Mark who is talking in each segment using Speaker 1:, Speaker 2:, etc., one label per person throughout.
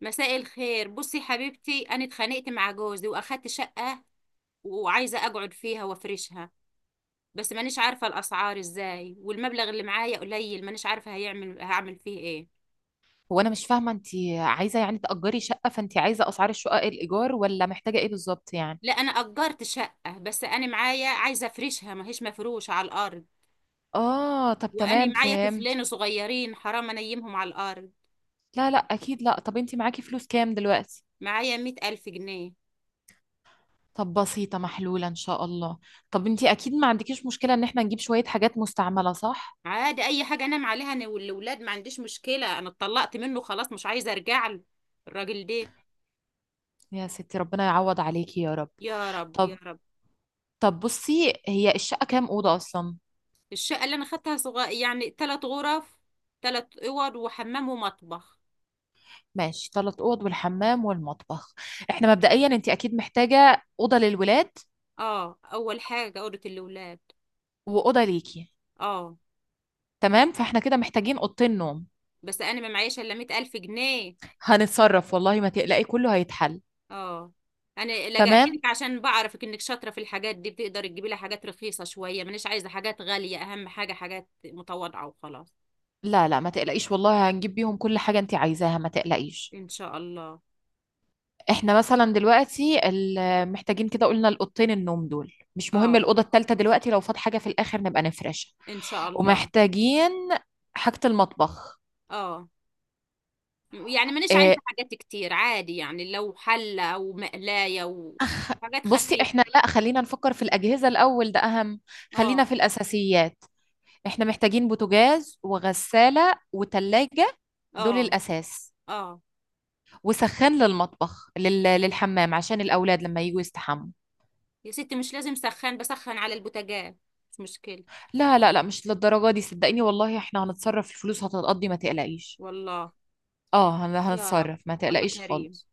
Speaker 1: مساء الخير. بصي حبيبتي، انا اتخانقت مع جوزي واخدت شقة وعايزة اقعد فيها وافرشها. بس مانيش عارفة الاسعار ازاي، والمبلغ اللي معايا قليل، مانيش عارفة هعمل فيه ايه.
Speaker 2: هو انا مش فاهمه. انت عايزه يعني تأجري شقه؟ فانت عايزه اسعار الشقق الايجار ولا محتاجه ايه بالظبط يعني؟
Speaker 1: لا انا اجرت شقة، بس انا معايا، عايزة افرشها ما هيش مفروشة على الارض.
Speaker 2: اه، طب
Speaker 1: وانا
Speaker 2: تمام
Speaker 1: معايا
Speaker 2: فهمت.
Speaker 1: طفلين صغيرين حرام انيمهم على الارض.
Speaker 2: لا لا اكيد لا. طب انت معاكي فلوس كام دلوقتي؟
Speaker 1: معايا 100,000 جنيه.
Speaker 2: طب بسيطه محلوله ان شاء الله. طب انت اكيد ما عندكيش مشكله ان احنا نجيب شويه حاجات مستعمله، صح؟
Speaker 1: عادي اي حاجة انام عليها انا والولاد، ما عنديش مشكلة. انا اتطلقت منه خلاص، مش عايزة ارجع له الراجل ده.
Speaker 2: يا ستي ربنا يعوض عليكي يا رب.
Speaker 1: يا رب يا
Speaker 2: طب
Speaker 1: رب.
Speaker 2: طب بصي، هي الشقه كام اوضه اصلا؟
Speaker 1: الشقة اللي انا خدتها صغير، يعني ثلاث غرف. ثلاث اوض وحمام ومطبخ.
Speaker 2: ماشي، ثلاث اوض والحمام والمطبخ. احنا مبدئيا انت اكيد محتاجه اوضه للولاد
Speaker 1: اه، اول حاجة اوضة الاولاد.
Speaker 2: واوضه ليكي.
Speaker 1: اه.
Speaker 2: تمام، فاحنا كده محتاجين اوضتين نوم.
Speaker 1: بس انا ما معيش الا 100,000 جنيه.
Speaker 2: هنتصرف، والله ما تقلقي، كله هيتحل.
Speaker 1: اه. انا لجأت
Speaker 2: تمام.
Speaker 1: لك عشان بعرفك انك شاطرة في الحاجات دي، بتقدري تجيبي لها حاجات رخيصة شوية، مانيش عايزة حاجات غالية، اهم حاجة حاجات متواضعة وخلاص.
Speaker 2: لا لا، ما تقلقيش والله، هنجيب بيهم كل حاجة انت عايزاها، ما تقلقيش.
Speaker 1: ان شاء الله.
Speaker 2: احنا مثلا دلوقتي محتاجين كده، قلنا الاوضتين النوم دول، مش مهم
Speaker 1: اه،
Speaker 2: الأوضة التالتة دلوقتي، لو فات حاجة في الآخر نبقى نفرشها.
Speaker 1: ان شاء الله.
Speaker 2: ومحتاجين حاجة المطبخ.
Speaker 1: اه، يعني مانيش عايزة
Speaker 2: إيه،
Speaker 1: حاجات كتير، عادي يعني لو حلة او مقلاية
Speaker 2: أخ...
Speaker 1: وحاجات
Speaker 2: بصي،
Speaker 1: خفيفة.
Speaker 2: احنا لا، خلينا نفكر في الأجهزة الأول، ده أهم. خلينا
Speaker 1: اه.
Speaker 2: في الأساسيات. احنا محتاجين بوتاجاز وغسالة وتلاجة، دول
Speaker 1: اه.
Speaker 2: الأساس.
Speaker 1: اه
Speaker 2: وسخان للمطبخ، للحمام، عشان الأولاد لما يجوا يستحموا.
Speaker 1: يا ستي مش لازم سخان، بسخن على البوتاجاز، مش مشكلة.
Speaker 2: لا لا لا، مش للدرجة دي صدقيني والله، احنا هنتصرف، الفلوس هتتقضي، ما تقلقيش.
Speaker 1: والله.
Speaker 2: اه،
Speaker 1: يا رب.
Speaker 2: هنتصرف، ما
Speaker 1: الله
Speaker 2: تقلقيش
Speaker 1: كريم.
Speaker 2: خالص.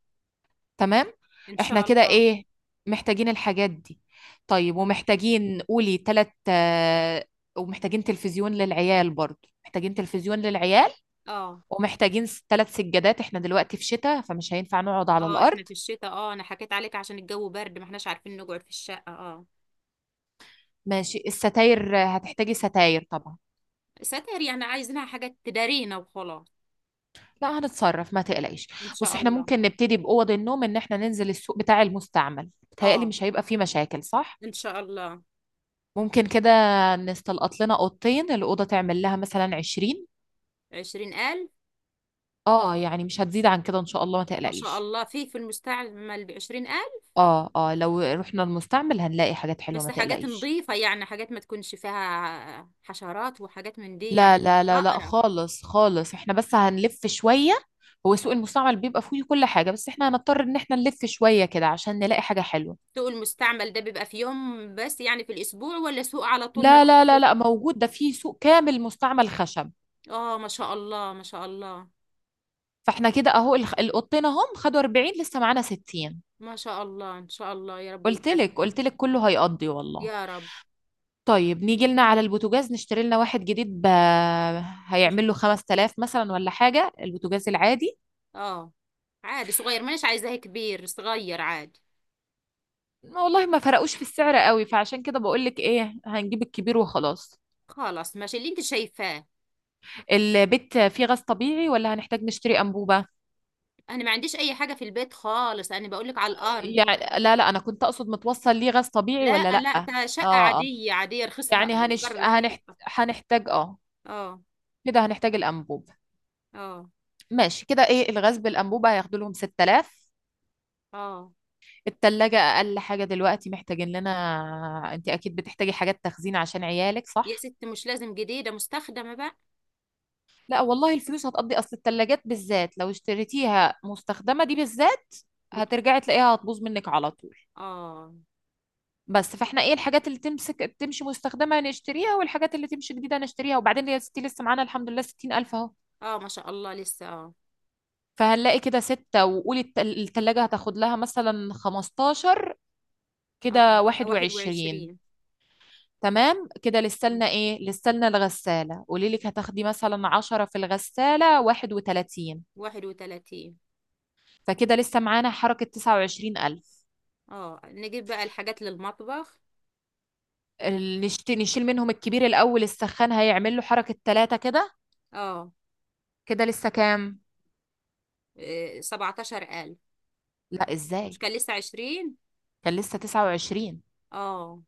Speaker 2: تمام.
Speaker 1: ان
Speaker 2: احنا
Speaker 1: شاء
Speaker 2: كده
Speaker 1: الله.
Speaker 2: ايه، محتاجين الحاجات دي. طيب
Speaker 1: مم.
Speaker 2: ومحتاجين قولي تلت. ومحتاجين تلفزيون للعيال، برضو محتاجين تلفزيون للعيال.
Speaker 1: اه.
Speaker 2: ومحتاجين ثلاث سجادات، احنا دلوقتي في شتاء، فمش هينفع نقعد على
Speaker 1: اه
Speaker 2: الارض.
Speaker 1: احنا في الشتاء، اه انا حكيت عليك عشان الجو برد ما احناش عارفين نقعد في الشقة، اه.
Speaker 2: ماشي، الستاير، هتحتاجي ستاير طبعا.
Speaker 1: ستر يعني عايزينها حاجة تدارينا وخلاص.
Speaker 2: لا، هنتصرف ما تقلقيش.
Speaker 1: ان
Speaker 2: بص،
Speaker 1: شاء
Speaker 2: احنا
Speaker 1: الله.
Speaker 2: ممكن نبتدي باوض النوم، ان احنا ننزل السوق بتاع المستعمل، بتهيألي
Speaker 1: اه
Speaker 2: مش هيبقى فيه مشاكل، صح؟
Speaker 1: ان شاء الله.
Speaker 2: ممكن كده نستلقط لنا اوضتين، الاوضه تعمل لها مثلا 20.
Speaker 1: 20,000.
Speaker 2: اه يعني مش هتزيد عن كده ان شاء الله، ما
Speaker 1: ما شاء
Speaker 2: تقلقيش.
Speaker 1: الله، في المستعمل بـ20,000؟
Speaker 2: اه اه، لو رحنا المستعمل هنلاقي حاجات حلوه، ما
Speaker 1: بس حاجات
Speaker 2: تقلقيش.
Speaker 1: نظيفة يعني، حاجات ما تكونش فيها حشرات وحاجات من دي
Speaker 2: لا
Speaker 1: يعني،
Speaker 2: لا لا لا
Speaker 1: بقرة.
Speaker 2: خالص خالص، احنا بس هنلف شوية. هو سوق المستعمل بيبقى فيه كل حاجة، بس احنا هنضطر ان احنا نلف شوية كده عشان نلاقي حاجة حلوة.
Speaker 1: سوق المستعمل ده بيبقى في يوم بس يعني في الأسبوع ولا سوق على طول؟
Speaker 2: لا لا لا
Speaker 1: مفتوح.
Speaker 2: لا موجود، ده فيه سوق كامل مستعمل خشب.
Speaker 1: اه ما شاء الله ما شاء الله.
Speaker 2: فاحنا كده اهو، القطين اهم، خدوا 40، لسه معانا 60.
Speaker 1: ما شاء الله إن شاء الله يا رب
Speaker 2: قلت
Speaker 1: يكفي.
Speaker 2: لك قلت لك كله هيقضي والله.
Speaker 1: يا رب.
Speaker 2: طيب نيجي لنا على البوتاجاز، نشتري لنا واحد جديد
Speaker 1: مش،
Speaker 2: هيعمل له 5000 مثلا ولا حاجة، البوتاجاز العادي.
Speaker 1: اه عادي صغير، مانيش عايزاه كبير، صغير عادي.
Speaker 2: والله ما فرقوش في السعر قوي، فعشان كده بقول لك ايه، هنجيب الكبير وخلاص.
Speaker 1: خلاص ماشي اللي انت شايفاه.
Speaker 2: البيت فيه غاز طبيعي ولا هنحتاج نشتري أنبوبة؟
Speaker 1: انا ما عنديش اي حاجة في البيت خالص، انا بقولك على الارض.
Speaker 2: يعني لا لا، أنا كنت أقصد متوصل ليه غاز طبيعي ولا
Speaker 1: لا
Speaker 2: لأ.
Speaker 1: لا،
Speaker 2: اه،
Speaker 1: تا شقة
Speaker 2: اه
Speaker 1: عادية عادية، رخيصها
Speaker 2: يعني
Speaker 1: الإيجار رخيص.
Speaker 2: هنحتاج. اه،
Speaker 1: اه.
Speaker 2: كده هنحتاج الأنبوب.
Speaker 1: اه.
Speaker 2: ماشي كده، ايه، الغاز بالأنبوبة هياخدوا لهم 6000.
Speaker 1: اه
Speaker 2: التلاجة أقل حاجة دلوقتي محتاجين لنا. انت أكيد بتحتاجي حاجات تخزين عشان عيالك،
Speaker 1: يا
Speaker 2: صح؟
Speaker 1: ست مش لازم جديدة، مستخدمة بقى.
Speaker 2: لا والله، الفلوس هتقضي، أصل التلاجات بالذات لو اشتريتيها مستخدمة دي بالذات،
Speaker 1: بت...
Speaker 2: هترجعي تلاقيها هتبوظ منك على طول.
Speaker 1: اه.
Speaker 2: بس، فاحنا ايه، الحاجات اللي تمسك تمشي مستخدمة نشتريها، والحاجات اللي تمشي جديدة نشتريها. وبعدين يا ستي لسه معانا الحمد لله 60000 اهو.
Speaker 1: اه ما شاء الله لسه اه.
Speaker 2: فهنلاقي كده ستة، وقولي التلاجة هتاخد لها مثلا 15،
Speaker 1: اه
Speaker 2: كده
Speaker 1: يبقى واحد
Speaker 2: 21.
Speaker 1: وعشرين
Speaker 2: تمام. كده لسه لنا ايه، لسه لنا الغسالة، قولي لك هتاخدي مثلا 10، في الغسالة 31.
Speaker 1: 31.
Speaker 2: فكده لسه معانا حركة 29000.
Speaker 1: اه نجيب بقى الحاجات للمطبخ.
Speaker 2: نشيل منهم الكبير الأول، السخان هيعمل له حركة 3 كده.
Speaker 1: اه.
Speaker 2: كده لسه كام؟
Speaker 1: 17,000.
Speaker 2: لا،
Speaker 1: مش
Speaker 2: ازاي؟
Speaker 1: كان لسه 20؟
Speaker 2: كان لسه 29.
Speaker 1: اه.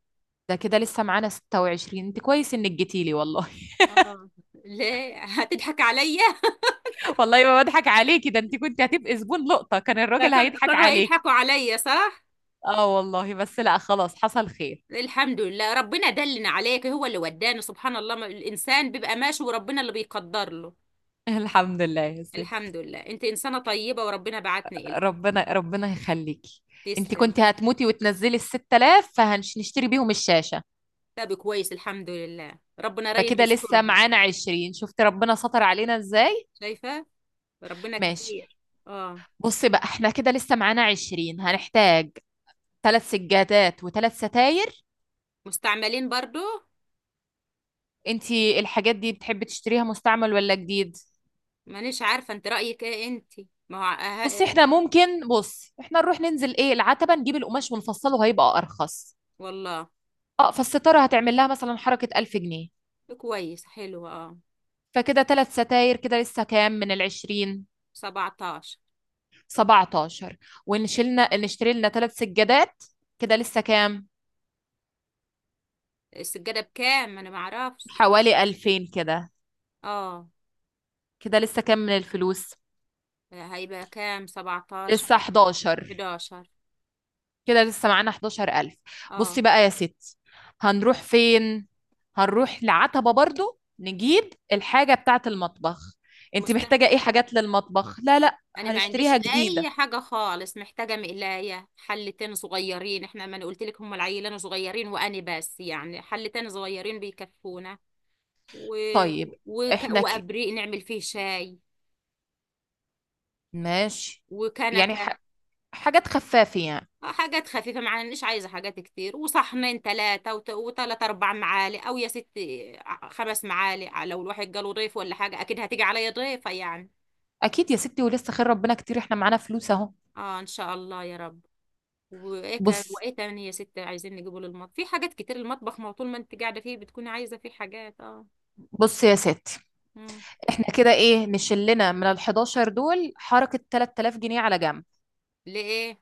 Speaker 2: ده كده لسه معانا 26. انت كويس انك جيتيلي والله.
Speaker 1: اه ليه هتضحك عليا؟
Speaker 2: والله ما بضحك عليكي، ده انت كنت هتبقي زبون لقطة، كان
Speaker 1: لا،
Speaker 2: الراجل هيضحك
Speaker 1: كانوا
Speaker 2: عليكي.
Speaker 1: هيضحكوا عليا صح.
Speaker 2: اه والله، بس لا خلاص حصل خير.
Speaker 1: الحمد لله ربنا دلنا عليك، هو اللي وداني سبحان الله. الإنسان بيبقى ماشي وربنا اللي بيقدر له.
Speaker 2: الحمد لله يا ست.
Speaker 1: الحمد لله انت إنسانة طيبة وربنا بعتني إلك.
Speaker 2: ربنا ربنا يخليكي. انت
Speaker 1: تسلم.
Speaker 2: كنت هتموتي، وتنزلي ال 6000 فهنشتري بيهم الشاشة.
Speaker 1: طب كويس الحمد لله ربنا رايد
Speaker 2: فكده لسه
Speaker 1: يسترها.
Speaker 2: معانا 20. شفت ربنا ستر علينا ازاي.
Speaker 1: شايفة. ربنا
Speaker 2: ماشي.
Speaker 1: كبير. اه.
Speaker 2: بصي بقى، احنا كده لسه معانا 20، هنحتاج ثلاث سجادات وثلاث ستاير.
Speaker 1: مستعملين برضو.
Speaker 2: انتي الحاجات دي بتحبي تشتريها مستعمل ولا جديد؟
Speaker 1: مانيش عارفة، انت رأيك ايه انت. ما هو
Speaker 2: بصي،
Speaker 1: اه- أه،
Speaker 2: احنا ممكن، بص احنا نروح ننزل ايه، العتبة، نجيب القماش ونفصله هيبقى ارخص.
Speaker 1: والله.
Speaker 2: اه، فالستارة هتعمل لها مثلا حركة 1000 جنيه.
Speaker 1: كويس حلو اه
Speaker 2: فكده ثلاث ستاير، كده لسه كام من العشرين؟
Speaker 1: 17.
Speaker 2: 17. ونشيلنا نشتري لنا ثلاث سجادات. كده لسه كام؟
Speaker 1: السجادة بكام انا ما اعرفش.
Speaker 2: حوالي 2000 كده.
Speaker 1: اه
Speaker 2: كده لسه كام من الفلوس؟
Speaker 1: هيبقى كام. 17.
Speaker 2: لسه 11.
Speaker 1: 11.
Speaker 2: كده لسه معانا 11000.
Speaker 1: اه.
Speaker 2: بصي بقى يا ستي، هنروح فين؟ هنروح لعتبة برضو، نجيب الحاجة بتاعة المطبخ. انت محتاجة ايه
Speaker 1: مستخدم.
Speaker 2: حاجات للمطبخ؟ لا لا،
Speaker 1: انا ما عنديش
Speaker 2: هنشتريها
Speaker 1: اي
Speaker 2: جديدة.
Speaker 1: حاجة خالص، محتاجة مقلاية، حلتين صغيرين، احنا ما انا قلت لك هم العيلان صغيرين، وانا بس يعني حلتين صغيرين بيكفونا. و...
Speaker 2: طيب. احنا
Speaker 1: وابريق نعمل فيه شاي
Speaker 2: ماشي. يعني
Speaker 1: وكنكه.
Speaker 2: حاجات خفافة يعني.
Speaker 1: حاجات خفيفه معناش عايزه حاجات كتير، وصحنين ثلاثه وثلاث اربع معالق او يا ست خمس معالق. لو الواحد جاله ضيف ولا حاجه اكيد هتيجي عليا ضيفه يعني.
Speaker 2: اكيد يا ستي، ولسه خير ربنا كتير، احنا معانا فلوس اهو.
Speaker 1: اه ان شاء الله يا رب. وايه كان
Speaker 2: بص،
Speaker 1: وايه تاني يا ست عايزين نجيبه للمطبخ، في حاجات كتير المطبخ ما هو طول ما انت قاعده فيه بتكوني عايزه فيه حاجات، اه.
Speaker 2: بص يا ستي،
Speaker 1: مم.
Speaker 2: احنا كده ايه، نشلنا من ال 11 دول حركة 3000 جنيه على جنب.
Speaker 1: ليه؟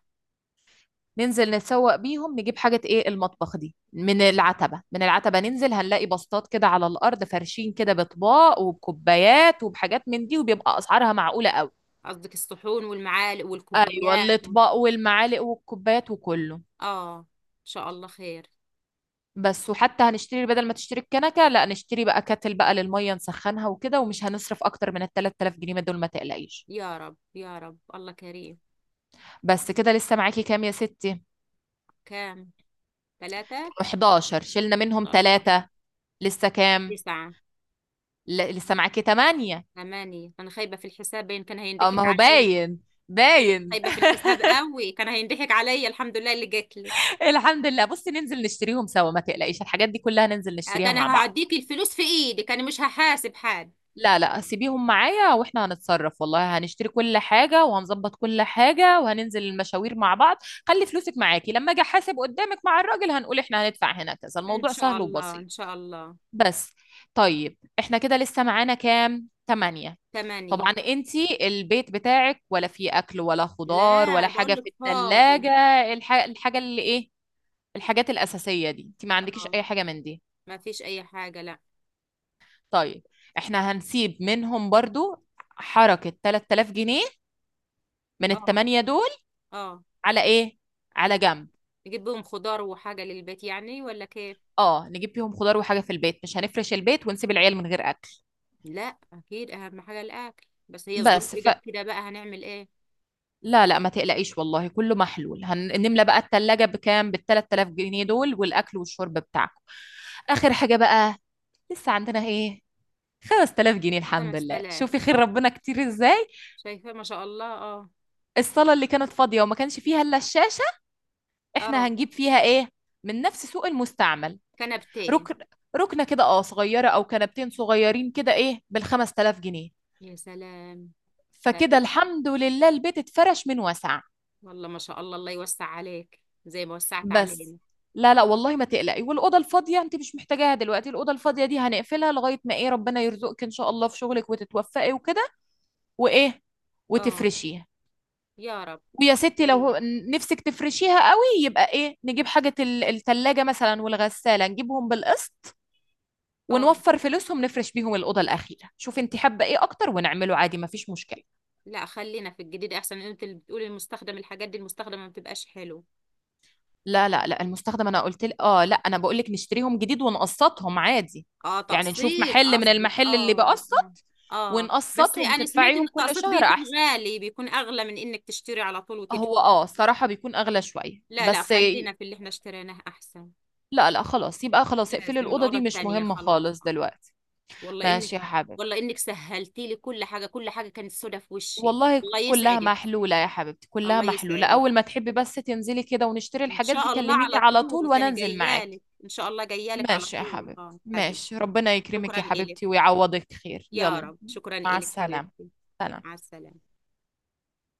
Speaker 2: ننزل نتسوق بيهم نجيب حاجة ايه، المطبخ، دي من العتبة، من العتبة ننزل هنلاقي بسطات كده على الأرض، فرشين كده بأطباق وبكوبايات وبحاجات من دي، وبيبقى أسعارها معقولة قوي.
Speaker 1: قصدك الصحون والمعالق
Speaker 2: أيوة،
Speaker 1: والكوبايات
Speaker 2: الأطباق والمعالق والكوبايات وكله.
Speaker 1: اه ان شاء الله خير.
Speaker 2: بس، وحتى هنشتري بدل ما تشتري الكنكة لا، نشتري بقى كاتل بقى للمية نسخنها وكده. ومش هنصرف أكتر من ال 3000 جنيه دول، ما تقلقيش.
Speaker 1: يا رب يا رب الله كريم.
Speaker 2: بس كده لسه معاكي كام يا ستي؟
Speaker 1: كام. ثلاثه.
Speaker 2: 11 شلنا منهم
Speaker 1: الله.
Speaker 2: ثلاثة، لسه كام؟
Speaker 1: تسعه.
Speaker 2: لسه معاكي 8.
Speaker 1: ثمانية، أنا خايبة في الحساب باين، كان
Speaker 2: اه،
Speaker 1: هينضحك
Speaker 2: ما هو
Speaker 1: عليا.
Speaker 2: باين،
Speaker 1: خاي-
Speaker 2: باين.
Speaker 1: خايبة في الحساب قوي، كان هينضحك عليا الحمد لله اللي جات لي.
Speaker 2: الحمد لله. بصي ننزل نشتريهم سوا، ما تقلقيش، الحاجات دي كلها ننزل نشتريها
Speaker 1: أنا
Speaker 2: مع بعض.
Speaker 1: هعديكي الفلوس في إيدك، أنا مش هحاسب حد.
Speaker 2: لا لا، سيبيهم معايا، واحنا هنتصرف والله، هنشتري كل حاجة وهنظبط كل حاجة وهننزل المشاوير مع بعض. خلي فلوسك معاكي، لما اجي احاسب قدامك مع الراجل هنقول احنا هندفع هنا كذا،
Speaker 1: إن
Speaker 2: الموضوع
Speaker 1: شاء
Speaker 2: سهل
Speaker 1: الله
Speaker 2: وبسيط.
Speaker 1: إن شاء الله.
Speaker 2: بس طيب احنا كده لسه معانا كام، تمانية.
Speaker 1: ثمانية.
Speaker 2: طبعا انتي البيت بتاعك ولا فيه اكل ولا خضار ولا
Speaker 1: لا
Speaker 2: حاجة
Speaker 1: بقول
Speaker 2: في
Speaker 1: لك فاضي.
Speaker 2: التلاجة؟ الحاجة اللي ايه، الحاجات الأساسية دي انت ما عندكيش
Speaker 1: آه.
Speaker 2: أي حاجة من دي.
Speaker 1: ما فيش أي حاجة لا.
Speaker 2: طيب، احنا هنسيب منهم برضو حركة 3000 جنيه من
Speaker 1: آه.
Speaker 2: التمانية دول
Speaker 1: آه.
Speaker 2: على ايه، على
Speaker 1: نجيب،
Speaker 2: جنب.
Speaker 1: نجيب بهم خضار وحاجة للبيت يعني ولا كيف.
Speaker 2: اه نجيب بيهم خضار وحاجة في البيت، مش هنفرش البيت ونسيب العيال من غير أكل.
Speaker 1: لا. أكيد أهم حاجة الأكل، بس هي الظروف
Speaker 2: بس ف
Speaker 1: إجت كده بقى هنعمل إيه.
Speaker 2: لا لا، ما تقلقيش والله، كله محلول. هنملى بقى التلاجة بكام؟ بال 3000 جنيه دول، والأكل والشرب بتاعكم. آخر حاجة بقى، لسه عندنا ايه؟ 5000 جنيه، الحمد
Speaker 1: خمس
Speaker 2: لله،
Speaker 1: آلاف
Speaker 2: شوفي خير ربنا كتير ازاي.
Speaker 1: شايفة ما شاء الله. آه.
Speaker 2: الصالة اللي كانت فاضية وما كانش فيها الا الشاشة، احنا
Speaker 1: آه.
Speaker 2: هنجيب فيها ايه، من نفس سوق المستعمل.
Speaker 1: كنبتين.
Speaker 2: ركن، ركنه كده اه صغيره، او كنبتين صغيرين كده ايه، بالخمس تلاف جنيه.
Speaker 1: يا سلام. ده
Speaker 2: فكده
Speaker 1: إيش.
Speaker 2: الحمد لله البيت اتفرش من وسع.
Speaker 1: والله ما شاء الله، الله يوسع عليك زي ما وسعت
Speaker 2: بس،
Speaker 1: علينا.
Speaker 2: لا لا والله ما تقلقي، والاوضه الفاضيه انت مش محتاجاها دلوقتي، الاوضه الفاضيه دي هنقفلها لغايه ما ايه، ربنا يرزقك ان شاء الله في شغلك وتتوفقي وكده، وايه
Speaker 1: اه.
Speaker 2: وتفرشيها.
Speaker 1: يا رب.
Speaker 2: ويا
Speaker 1: الله
Speaker 2: ستي لو
Speaker 1: كريم.
Speaker 2: نفسك تفرشيها قوي، يبقى ايه، نجيب حاجه، التلاجة مثلا والغساله، نجيبهم بالقسط،
Speaker 1: اه
Speaker 2: ونوفر فلوسهم نفرش بيهم الأوضة الأخيرة. شوف انت حابة ايه أكتر، ونعمله عادي مفيش مشكلة.
Speaker 1: لا خلينا في الجديد احسن، انت اللي بتقولي المستخدم الحاجات دي المستخدمه ما بتبقاش حلو.
Speaker 2: لا لا لا، المستخدم أنا قلت لك آه لا، أنا بقول لك نشتريهم جديد ونقسطهم عادي.
Speaker 1: اه،
Speaker 2: يعني نشوف
Speaker 1: تقسيط
Speaker 2: محل من
Speaker 1: قصدك،
Speaker 2: المحل اللي
Speaker 1: اه اه.
Speaker 2: بقسط،
Speaker 1: آه. بس
Speaker 2: ونقسطهم
Speaker 1: انا سمعت ان
Speaker 2: تدفعيهم كل
Speaker 1: التقسيط
Speaker 2: شهر
Speaker 1: بيكون
Speaker 2: أحسن.
Speaker 1: غالي، بيكون اغلى من انك تشتري على طول وتدفع.
Speaker 2: هو آه صراحة بيكون أغلى شوية،
Speaker 1: لا لا
Speaker 2: بس
Speaker 1: خلينا في اللي احنا اشتريناه احسن.
Speaker 2: لا لا خلاص، يبقى
Speaker 1: مش
Speaker 2: خلاص اقفلي
Speaker 1: لازم
Speaker 2: الأوضة
Speaker 1: الاوضه
Speaker 2: دي، مش
Speaker 1: التانيه
Speaker 2: مهمة
Speaker 1: خلاص.
Speaker 2: خالص دلوقتي.
Speaker 1: والله انك.
Speaker 2: ماشي يا حبيبي.
Speaker 1: والله انك سهلتي لي كل حاجه، كل حاجه كانت سودة في وشي.
Speaker 2: والله
Speaker 1: الله
Speaker 2: كلها
Speaker 1: يسعدك
Speaker 2: محلولة يا حبيبتي، كلها
Speaker 1: الله
Speaker 2: محلولة،
Speaker 1: يسعدك.
Speaker 2: أول ما تحبي بس تنزلي كده ونشتري
Speaker 1: ان
Speaker 2: الحاجات دي
Speaker 1: شاء الله
Speaker 2: كلميني
Speaker 1: على
Speaker 2: على طول
Speaker 1: طول،
Speaker 2: وأنا
Speaker 1: تاني
Speaker 2: أنزل
Speaker 1: جايالك
Speaker 2: معاكي.
Speaker 1: ان شاء الله جايالك على
Speaker 2: ماشي يا
Speaker 1: طول اه
Speaker 2: حبيبتي، ماشي،
Speaker 1: حبيبتي.
Speaker 2: ربنا يكرمك
Speaker 1: شكرا
Speaker 2: يا
Speaker 1: الك.
Speaker 2: حبيبتي ويعوضك خير،
Speaker 1: يا
Speaker 2: يلا.
Speaker 1: رب شكرا
Speaker 2: مع
Speaker 1: الك
Speaker 2: السلامة.
Speaker 1: حبيبتي.
Speaker 2: سلام.
Speaker 1: مع السلامه.